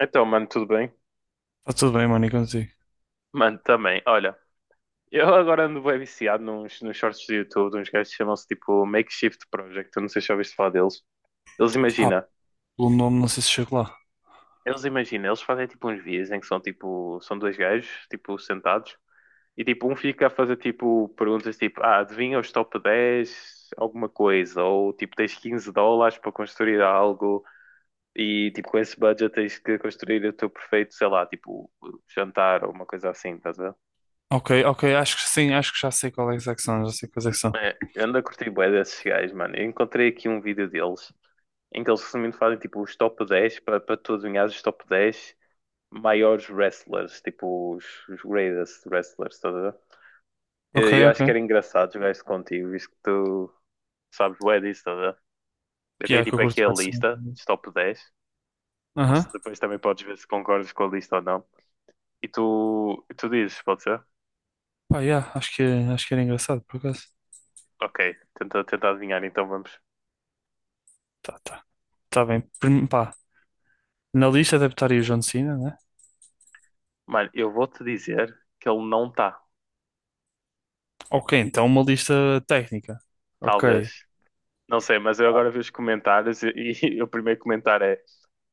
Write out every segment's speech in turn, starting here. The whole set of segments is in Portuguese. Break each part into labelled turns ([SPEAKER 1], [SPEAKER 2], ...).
[SPEAKER 1] Então, mano, tudo bem?
[SPEAKER 2] Tá tudo bem, mano, e contigo?
[SPEAKER 1] Mano, também. Olha, eu agora ando bem viciado nos shorts do YouTube, de uns gajos que chamam-se tipo Makeshift Project. Eu não sei se já ouviste falar deles. Eles
[SPEAKER 2] Pá,
[SPEAKER 1] imagina,
[SPEAKER 2] pelo nome não sei se chego lá.
[SPEAKER 1] eles fazem tipo uns vídeos em que são tipo, são dois gajos, tipo, sentados, e tipo, um fica a fazer tipo perguntas tipo, adivinha os top 10, alguma coisa, ou tipo, tens US$ 15 para construir algo, e tipo, com esse budget tens que construir o teu perfeito, sei lá, tipo, jantar ou uma coisa assim, tá?
[SPEAKER 2] Ok, ok, acho que sim, acho que já sei qual é que são, já sei quais é que são.
[SPEAKER 1] É, eu ando a curtir bué desses gajos, mano. Eu encontrei aqui um vídeo deles em que eles resumindo fazem tipo os top 10 para tu adivinhares os top 10 maiores wrestlers, tipo os greatest wrestlers, estás a ver?
[SPEAKER 2] Ok,
[SPEAKER 1] Eu acho que
[SPEAKER 2] ok.
[SPEAKER 1] era engraçado jogar isso contigo, visto que tu sabes bué disso, estás a ver? Eu tenho
[SPEAKER 2] Piá, que eu
[SPEAKER 1] tipo aqui
[SPEAKER 2] curto
[SPEAKER 1] a
[SPEAKER 2] bastante.
[SPEAKER 1] lista dos top 10.
[SPEAKER 2] Aham.
[SPEAKER 1] Se depois também podes ver se concordas com a lista ou não. E tu dizes, pode ser?
[SPEAKER 2] Pá, yeah, acho que era engraçado, por acaso.
[SPEAKER 1] Ok, tenta adivinhar, então vamos.
[SPEAKER 2] Tá, tá. Tá bem. Pá, na lista deve estar aí o John Cena, né?
[SPEAKER 1] Mano, eu vou-te dizer que ele não está.
[SPEAKER 2] Ok, então uma lista técnica. Ok.
[SPEAKER 1] Talvez. Não sei, mas eu agora vi os comentários e o primeiro comentário é: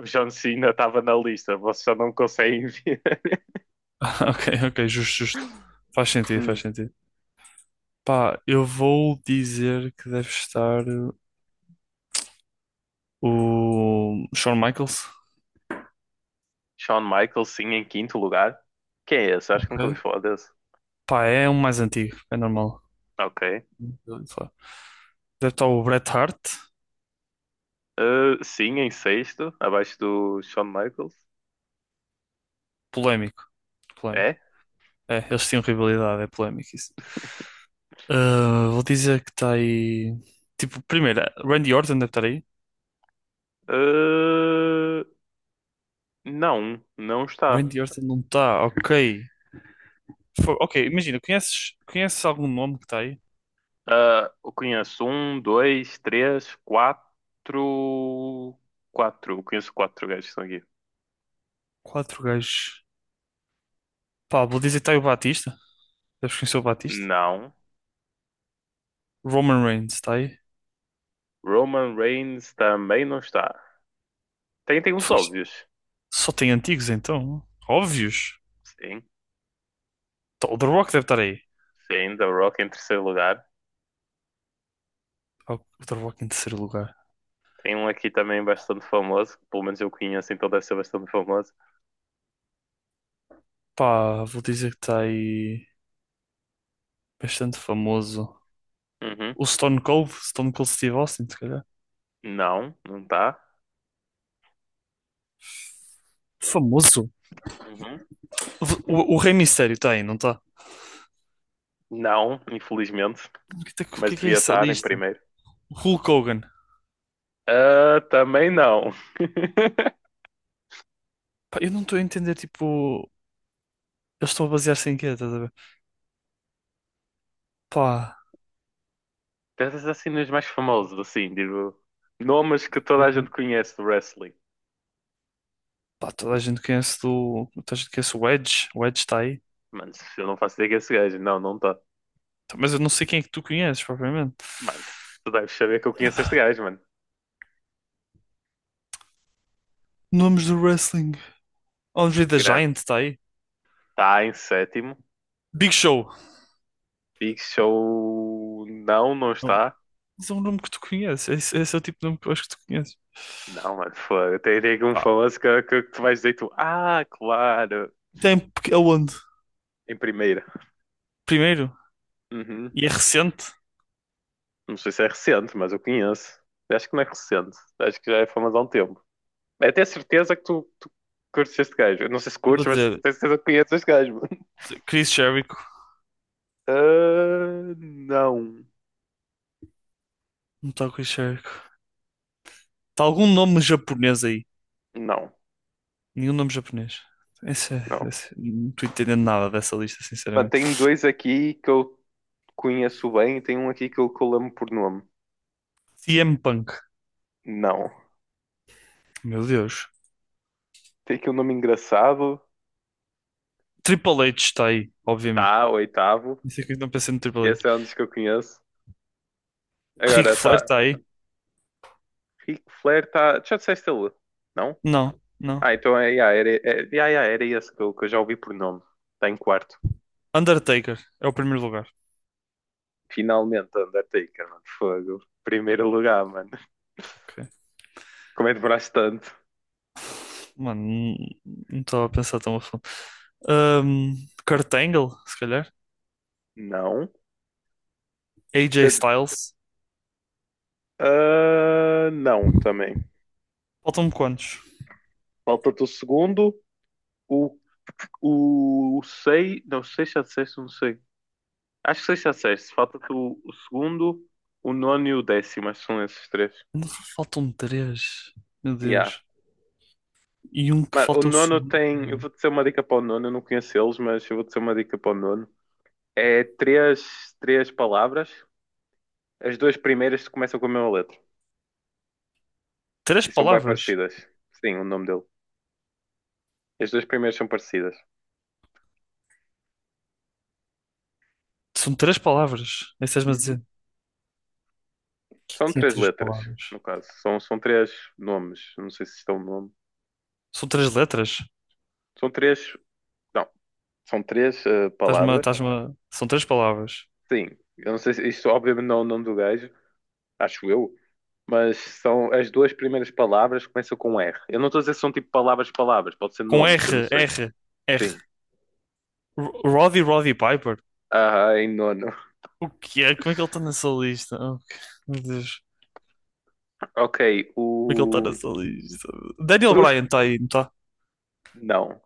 [SPEAKER 1] o John Cena estava na lista, vocês só não conseguem ver.
[SPEAKER 2] Ok, ok, justo, justo. Faz sentido, faz
[SPEAKER 1] Hum.
[SPEAKER 2] sentido. Pá, eu vou dizer que deve estar o Shawn Michaels.
[SPEAKER 1] Shawn Michaels, sim, em quinto lugar. Quem é esse? Acho que
[SPEAKER 2] Ok.
[SPEAKER 1] nunca ouvi falar desse.
[SPEAKER 2] Pá, é um mais antigo, é normal.
[SPEAKER 1] Ok.
[SPEAKER 2] Deve estar o Bret Hart.
[SPEAKER 1] Sim, em sexto, abaixo do Shawn Michaels.
[SPEAKER 2] Polémico. Polémico.
[SPEAKER 1] É?
[SPEAKER 2] É, eles tinham rivalidade, é polémico isso. Ah, vou dizer que está aí. Tipo, primeiro, Randy Orton deve estar aí.
[SPEAKER 1] Uh, não, não está.
[SPEAKER 2] Randy Orton não está, ok. Ok, imagina, conheces algum nome que está aí?
[SPEAKER 1] Eu conheço um, dois, três, quatro. Quatro. Eu conheço quatro gajos que estão aqui.
[SPEAKER 2] Quatro gajos. Pá, vou dizer que tá aí o Batista. Deves conhecer o Batista?
[SPEAKER 1] Não.
[SPEAKER 2] Roman Reigns, está aí.
[SPEAKER 1] Roman Reigns também não está. Tem os
[SPEAKER 2] Foi-
[SPEAKER 1] óbvios.
[SPEAKER 2] Só tem antigos então. Óbvios.
[SPEAKER 1] Sim,
[SPEAKER 2] Tá, o The Rock deve estar aí.
[SPEAKER 1] sim, The Rock em terceiro lugar.
[SPEAKER 2] Pá, o The Rock em terceiro lugar.
[SPEAKER 1] Tem um aqui também bastante famoso, que pelo menos eu conheço, então deve ser bastante famoso.
[SPEAKER 2] Pá, vou dizer que está aí bastante famoso.
[SPEAKER 1] Uhum.
[SPEAKER 2] O Stone Cold, Stone Cold Steve Austin, se calhar.
[SPEAKER 1] Não, não está.
[SPEAKER 2] Famoso?
[SPEAKER 1] Uhum.
[SPEAKER 2] O Rei Mistério está aí, não está?
[SPEAKER 1] Não, infelizmente,
[SPEAKER 2] O que, é que o
[SPEAKER 1] mas
[SPEAKER 2] que é
[SPEAKER 1] devia
[SPEAKER 2] essa
[SPEAKER 1] estar em
[SPEAKER 2] lista?
[SPEAKER 1] primeiro.
[SPEAKER 2] O Hulk Hogan.
[SPEAKER 1] Ah, também não.
[SPEAKER 2] Pá, eu não estou a entender, tipo, eles estão a basear-se em quê, estás a ver? Pá,
[SPEAKER 1] Pensas assim nos mais famosos, assim, digo, nomes que toda a gente conhece do wrestling.
[SPEAKER 2] pá, toda a gente conhece do. Toda a gente conhece o Edge. O Edge está aí.
[SPEAKER 1] Mano, eu não faço ideia que é esse gajo. Não, não está.
[SPEAKER 2] Tá, mas eu não sei quem é que tu conheces, propriamente.
[SPEAKER 1] Mano, tu deves saber que eu conheço este gajo, mano.
[SPEAKER 2] Nomes do wrestling. Andre the
[SPEAKER 1] Grande.
[SPEAKER 2] Giant está aí.
[SPEAKER 1] Está em sétimo.
[SPEAKER 2] Big Show.
[SPEAKER 1] Pixel não, não
[SPEAKER 2] Não.
[SPEAKER 1] está.
[SPEAKER 2] Esse é um nome que tu conheces. Esse é o tipo de nome que eu acho que tu conheces.
[SPEAKER 1] Não, mano, foda. Tem aqui um
[SPEAKER 2] Pá,
[SPEAKER 1] famoso que tu vais dizer tu. Ah, claro.
[SPEAKER 2] tem porque- aonde?
[SPEAKER 1] Em primeira.
[SPEAKER 2] Primeiro,
[SPEAKER 1] Uhum.
[SPEAKER 2] e é recente.
[SPEAKER 1] Não sei se é recente, mas eu conheço. Acho que não é recente. Acho que já é famoso há um tempo. É até certeza que tu curtes este gajo. Eu não sei se
[SPEAKER 2] E vou
[SPEAKER 1] curtes, mas
[SPEAKER 2] dizer,
[SPEAKER 1] tenho certeza que conheces este gajo, mano.
[SPEAKER 2] Chris Jericho.
[SPEAKER 1] Ah, não.
[SPEAKER 2] Não está o Chris Jericho. Está algum nome japonês aí?
[SPEAKER 1] Não,
[SPEAKER 2] Nenhum nome japonês. Esse, é-
[SPEAKER 1] não.
[SPEAKER 2] esse- não estou entendendo nada dessa lista,
[SPEAKER 1] Mano,
[SPEAKER 2] sinceramente.
[SPEAKER 1] tem dois aqui que eu conheço bem e tem um aqui que eu lembro por nome.
[SPEAKER 2] CM Punk.
[SPEAKER 1] Não.
[SPEAKER 2] Meu Deus.
[SPEAKER 1] Tem aqui um nome engraçado.
[SPEAKER 2] Triple H está aí, obviamente.
[SPEAKER 1] Tá, oitavo.
[SPEAKER 2] Não sei que eu não pensei no Triple H.
[SPEAKER 1] Esse é um dos que eu conheço.
[SPEAKER 2] Ric
[SPEAKER 1] Agora
[SPEAKER 2] Flair
[SPEAKER 1] tá.
[SPEAKER 2] está aí?
[SPEAKER 1] Ric Flair tá. Já disseste ele? Não?
[SPEAKER 2] Não, não.
[SPEAKER 1] Ah, então yeah, era esse que eu já ouvi por nome. Tá em quarto.
[SPEAKER 2] Undertaker é o primeiro lugar.
[SPEAKER 1] Finalmente, Undertaker, mano. Fogo. Primeiro lugar, mano.
[SPEAKER 2] Ok.
[SPEAKER 1] Como é que demoraste tanto?
[SPEAKER 2] Mano, não- não estava a pensar tão a fundo. Ahm, Kurt Angle, se calhar.
[SPEAKER 1] Não.
[SPEAKER 2] AJ
[SPEAKER 1] Deixa-
[SPEAKER 2] Styles.
[SPEAKER 1] Ah, não, também.
[SPEAKER 2] Faltam-me quantos?
[SPEAKER 1] Falta-te o segundo. O, o sei. Não, sei se já disseste, não sei. Acho que sei se já disseste. Falta-te o segundo, o nono e o 10º. Acho que são esses três.
[SPEAKER 2] Faltam-me três. Meu
[SPEAKER 1] Ya,
[SPEAKER 2] Deus. E um que
[SPEAKER 1] mano, o
[SPEAKER 2] falta é o
[SPEAKER 1] nono
[SPEAKER 2] segundo.
[SPEAKER 1] tem. Eu vou dizer uma dica para o nono, eu não conheço eles, mas eu vou dizer uma dica para o nono. É três palavras. As duas primeiras começam com a mesma letra
[SPEAKER 2] Três
[SPEAKER 1] e são bem
[SPEAKER 2] palavras.
[SPEAKER 1] parecidas. Sim, o nome dele. As duas primeiras são parecidas.
[SPEAKER 2] São três palavras. É isso que estás-me a
[SPEAKER 1] Uhum.
[SPEAKER 2] dizer. Que
[SPEAKER 1] São
[SPEAKER 2] tinha
[SPEAKER 1] três
[SPEAKER 2] três
[SPEAKER 1] letras,
[SPEAKER 2] palavras.
[SPEAKER 1] no caso. São três nomes. Não sei se estão no nome.
[SPEAKER 2] São três letras.
[SPEAKER 1] São três. Não, são três palavras.
[SPEAKER 2] São três palavras.
[SPEAKER 1] Sim, eu não sei se isto, obviamente, não é o nome do gajo. Acho eu. Mas são as duas primeiras palavras começam com R. Eu não estou a dizer se são tipo palavras, palavras, pode ser
[SPEAKER 2] Com
[SPEAKER 1] nomes, eu não sei. Sim.
[SPEAKER 2] R. Roddy Roddy Piper.
[SPEAKER 1] Ah, em nono.
[SPEAKER 2] O que é? Como é que ele está nessa lista? Meu Deus.
[SPEAKER 1] Ok,
[SPEAKER 2] Como é que ele está
[SPEAKER 1] o.
[SPEAKER 2] nessa lista? Daniel Bryan está aí, não está?
[SPEAKER 1] Não.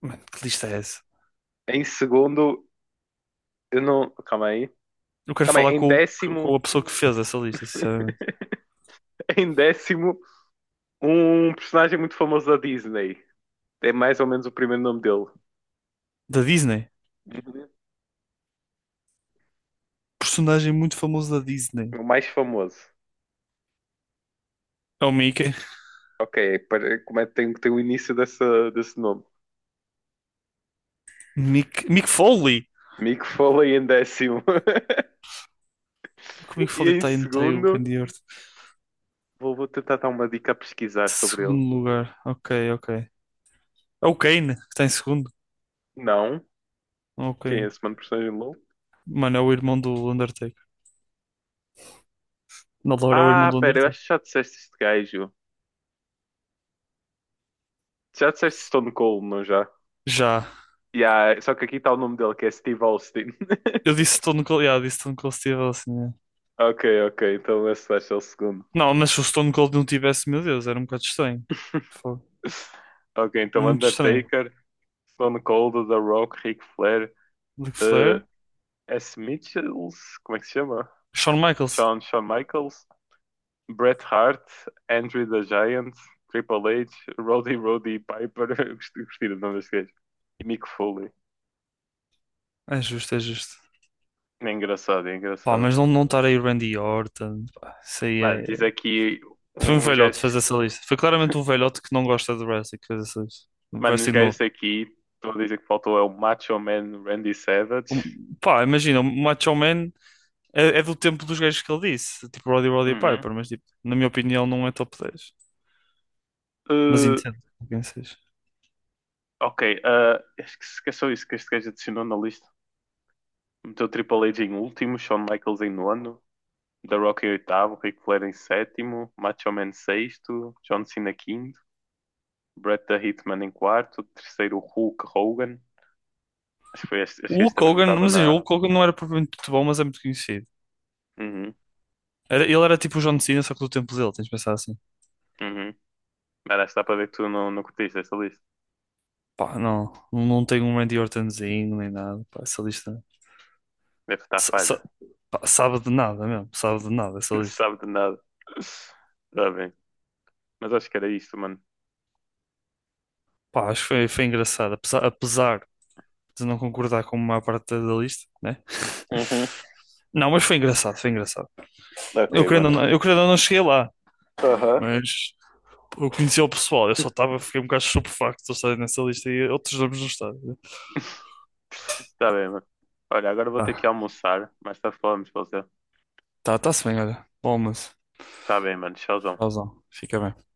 [SPEAKER 2] Mano, que lista é essa?
[SPEAKER 1] Em segundo, eu não. Calma aí.
[SPEAKER 2] Eu quero
[SPEAKER 1] Calma aí.
[SPEAKER 2] falar
[SPEAKER 1] Em
[SPEAKER 2] com, o-
[SPEAKER 1] 10º,
[SPEAKER 2] Com a pessoa que fez essa lista, sinceramente.
[SPEAKER 1] em 10º, um personagem muito famoso da Disney. É mais ou menos o primeiro nome dele.
[SPEAKER 2] Da Disney.
[SPEAKER 1] Uhum.
[SPEAKER 2] Personagem muito famoso da Disney.
[SPEAKER 1] O mais famoso.
[SPEAKER 2] É o Mickey.
[SPEAKER 1] Ok, como é que tem, o início dessa, desse nome?
[SPEAKER 2] Mick Foley.
[SPEAKER 1] Mick Foley em 10º.
[SPEAKER 2] Como é que o Mick
[SPEAKER 1] E
[SPEAKER 2] Foley
[SPEAKER 1] em
[SPEAKER 2] está aí, não está aí o
[SPEAKER 1] segundo.
[SPEAKER 2] Randy Orton?
[SPEAKER 1] Vou tentar dar uma dica a pesquisar sobre ele.
[SPEAKER 2] Segundo lugar. Ok, ok. É o Kane, que está em segundo.
[SPEAKER 1] Não?
[SPEAKER 2] É o
[SPEAKER 1] Quem é
[SPEAKER 2] Kane.
[SPEAKER 1] esse mano personagem de LoL?
[SPEAKER 2] Mano, é o irmão do Undertaker. Na Laura é o irmão
[SPEAKER 1] Ah,
[SPEAKER 2] do
[SPEAKER 1] pera, eu
[SPEAKER 2] Undertaker.
[SPEAKER 1] acho que já disseste este gajo. Já disseste Stone Cold, não já?
[SPEAKER 2] Já.
[SPEAKER 1] Yeah, só que aqui está o nome dele, que é Steve Austin.
[SPEAKER 2] Eu disse Stone Cold, yeah, disse Stone Cold Steve Austin. Yeah.
[SPEAKER 1] Ok, ok, então esse vai ser o segundo.
[SPEAKER 2] Não, mas se o Stone Cold não tivesse, meu Deus, era um bocado estranho. Fogo.
[SPEAKER 1] Ok, então
[SPEAKER 2] Muito estranho.
[SPEAKER 1] Undertaker, Stone Cold, The Rock, Ric Flair,
[SPEAKER 2] Ric
[SPEAKER 1] eh,
[SPEAKER 2] Flair,
[SPEAKER 1] S. Mitchells, como é que se chama?
[SPEAKER 2] Shawn Michaels.
[SPEAKER 1] Shawn Michaels, Bret Hart, Andre the Giant, Triple H, Roddy Roddy Piper, gostei do nome deste gajo, e Mick Foley.
[SPEAKER 2] É justo, é justo.
[SPEAKER 1] É engraçado, é
[SPEAKER 2] Pá,
[SPEAKER 1] engraçado.
[SPEAKER 2] mas não, não estar aí o Randy Orton, pá, isso aí
[SPEAKER 1] Mano,
[SPEAKER 2] é.
[SPEAKER 1] diz aqui
[SPEAKER 2] Foi um
[SPEAKER 1] um
[SPEAKER 2] velhote
[SPEAKER 1] gesto,
[SPEAKER 2] fazer essa lista. Foi claramente um velhote que não gosta de wrestling que fez essa lista. Um
[SPEAKER 1] mano, uns
[SPEAKER 2] Wrestling novo.
[SPEAKER 1] gajos aqui, estou a dizer que faltou é o Macho Man Randy Savage.
[SPEAKER 2] Pá, imagina, o Macho Man é do tempo dos gajos que ele disse, tipo Roddy Roddy
[SPEAKER 1] Uhum.
[SPEAKER 2] Piper, mas tipo, na minha opinião não é top dez. Mas
[SPEAKER 1] Uh,
[SPEAKER 2] entendo quem seja.
[SPEAKER 1] ok, acho que que é só isso que este gajo adicionou na lista. Meteu Triple H em último, Shawn Michaels em nono, The Rock em oitavo, Ric Flair em sétimo, Macho Man sexto, John Cena quinto. Bret the Hitman em quarto, terceiro Hulk Hogan. Acho que, foi este,
[SPEAKER 2] O
[SPEAKER 1] acho que este
[SPEAKER 2] Hulk
[SPEAKER 1] também não
[SPEAKER 2] Hogan,
[SPEAKER 1] estava
[SPEAKER 2] mas o
[SPEAKER 1] na.
[SPEAKER 2] Hulk Hogan não era propriamente muito bom, mas é muito conhecido.
[SPEAKER 1] Uhum,
[SPEAKER 2] Ele era tipo o John Cena, só que do tempo dele, tens de pensar assim.
[SPEAKER 1] uhum. Mas acho que dá para ver que tu não, não curtiste essa lista.
[SPEAKER 2] Pá, não, não tem um Randy Ortonzinho nem nada, pá, essa
[SPEAKER 1] Deve estar
[SPEAKER 2] sa-
[SPEAKER 1] falha.
[SPEAKER 2] sa- pá, sabe de nada mesmo, sabe de nada essa
[SPEAKER 1] Não
[SPEAKER 2] lista.
[SPEAKER 1] sabe de nada. Está bem. Mas acho que era isto, mano.
[SPEAKER 2] Pá, acho que foi, foi engraçado, apesar de não concordar com a maior parte da lista, né?
[SPEAKER 1] Uhum.
[SPEAKER 2] Não, mas foi engraçado, foi engraçado.
[SPEAKER 1] Ok, mano.
[SPEAKER 2] Eu querendo ou não cheguei lá,
[SPEAKER 1] Aham.
[SPEAKER 2] mas eu conheci o pessoal, eu só estava, fiquei um bocado estupefacto de estar nessa lista e outros nomes não estavam.
[SPEAKER 1] Tá bem, mano. Olha, agora vou ter
[SPEAKER 2] Tá,
[SPEAKER 1] que almoçar. Mas tarde falamos, para você.
[SPEAKER 2] tá, tá-se bem, olha. Bom, mas,
[SPEAKER 1] Tá bem, mano. Tchauzão.
[SPEAKER 2] tchauzão, fica bem.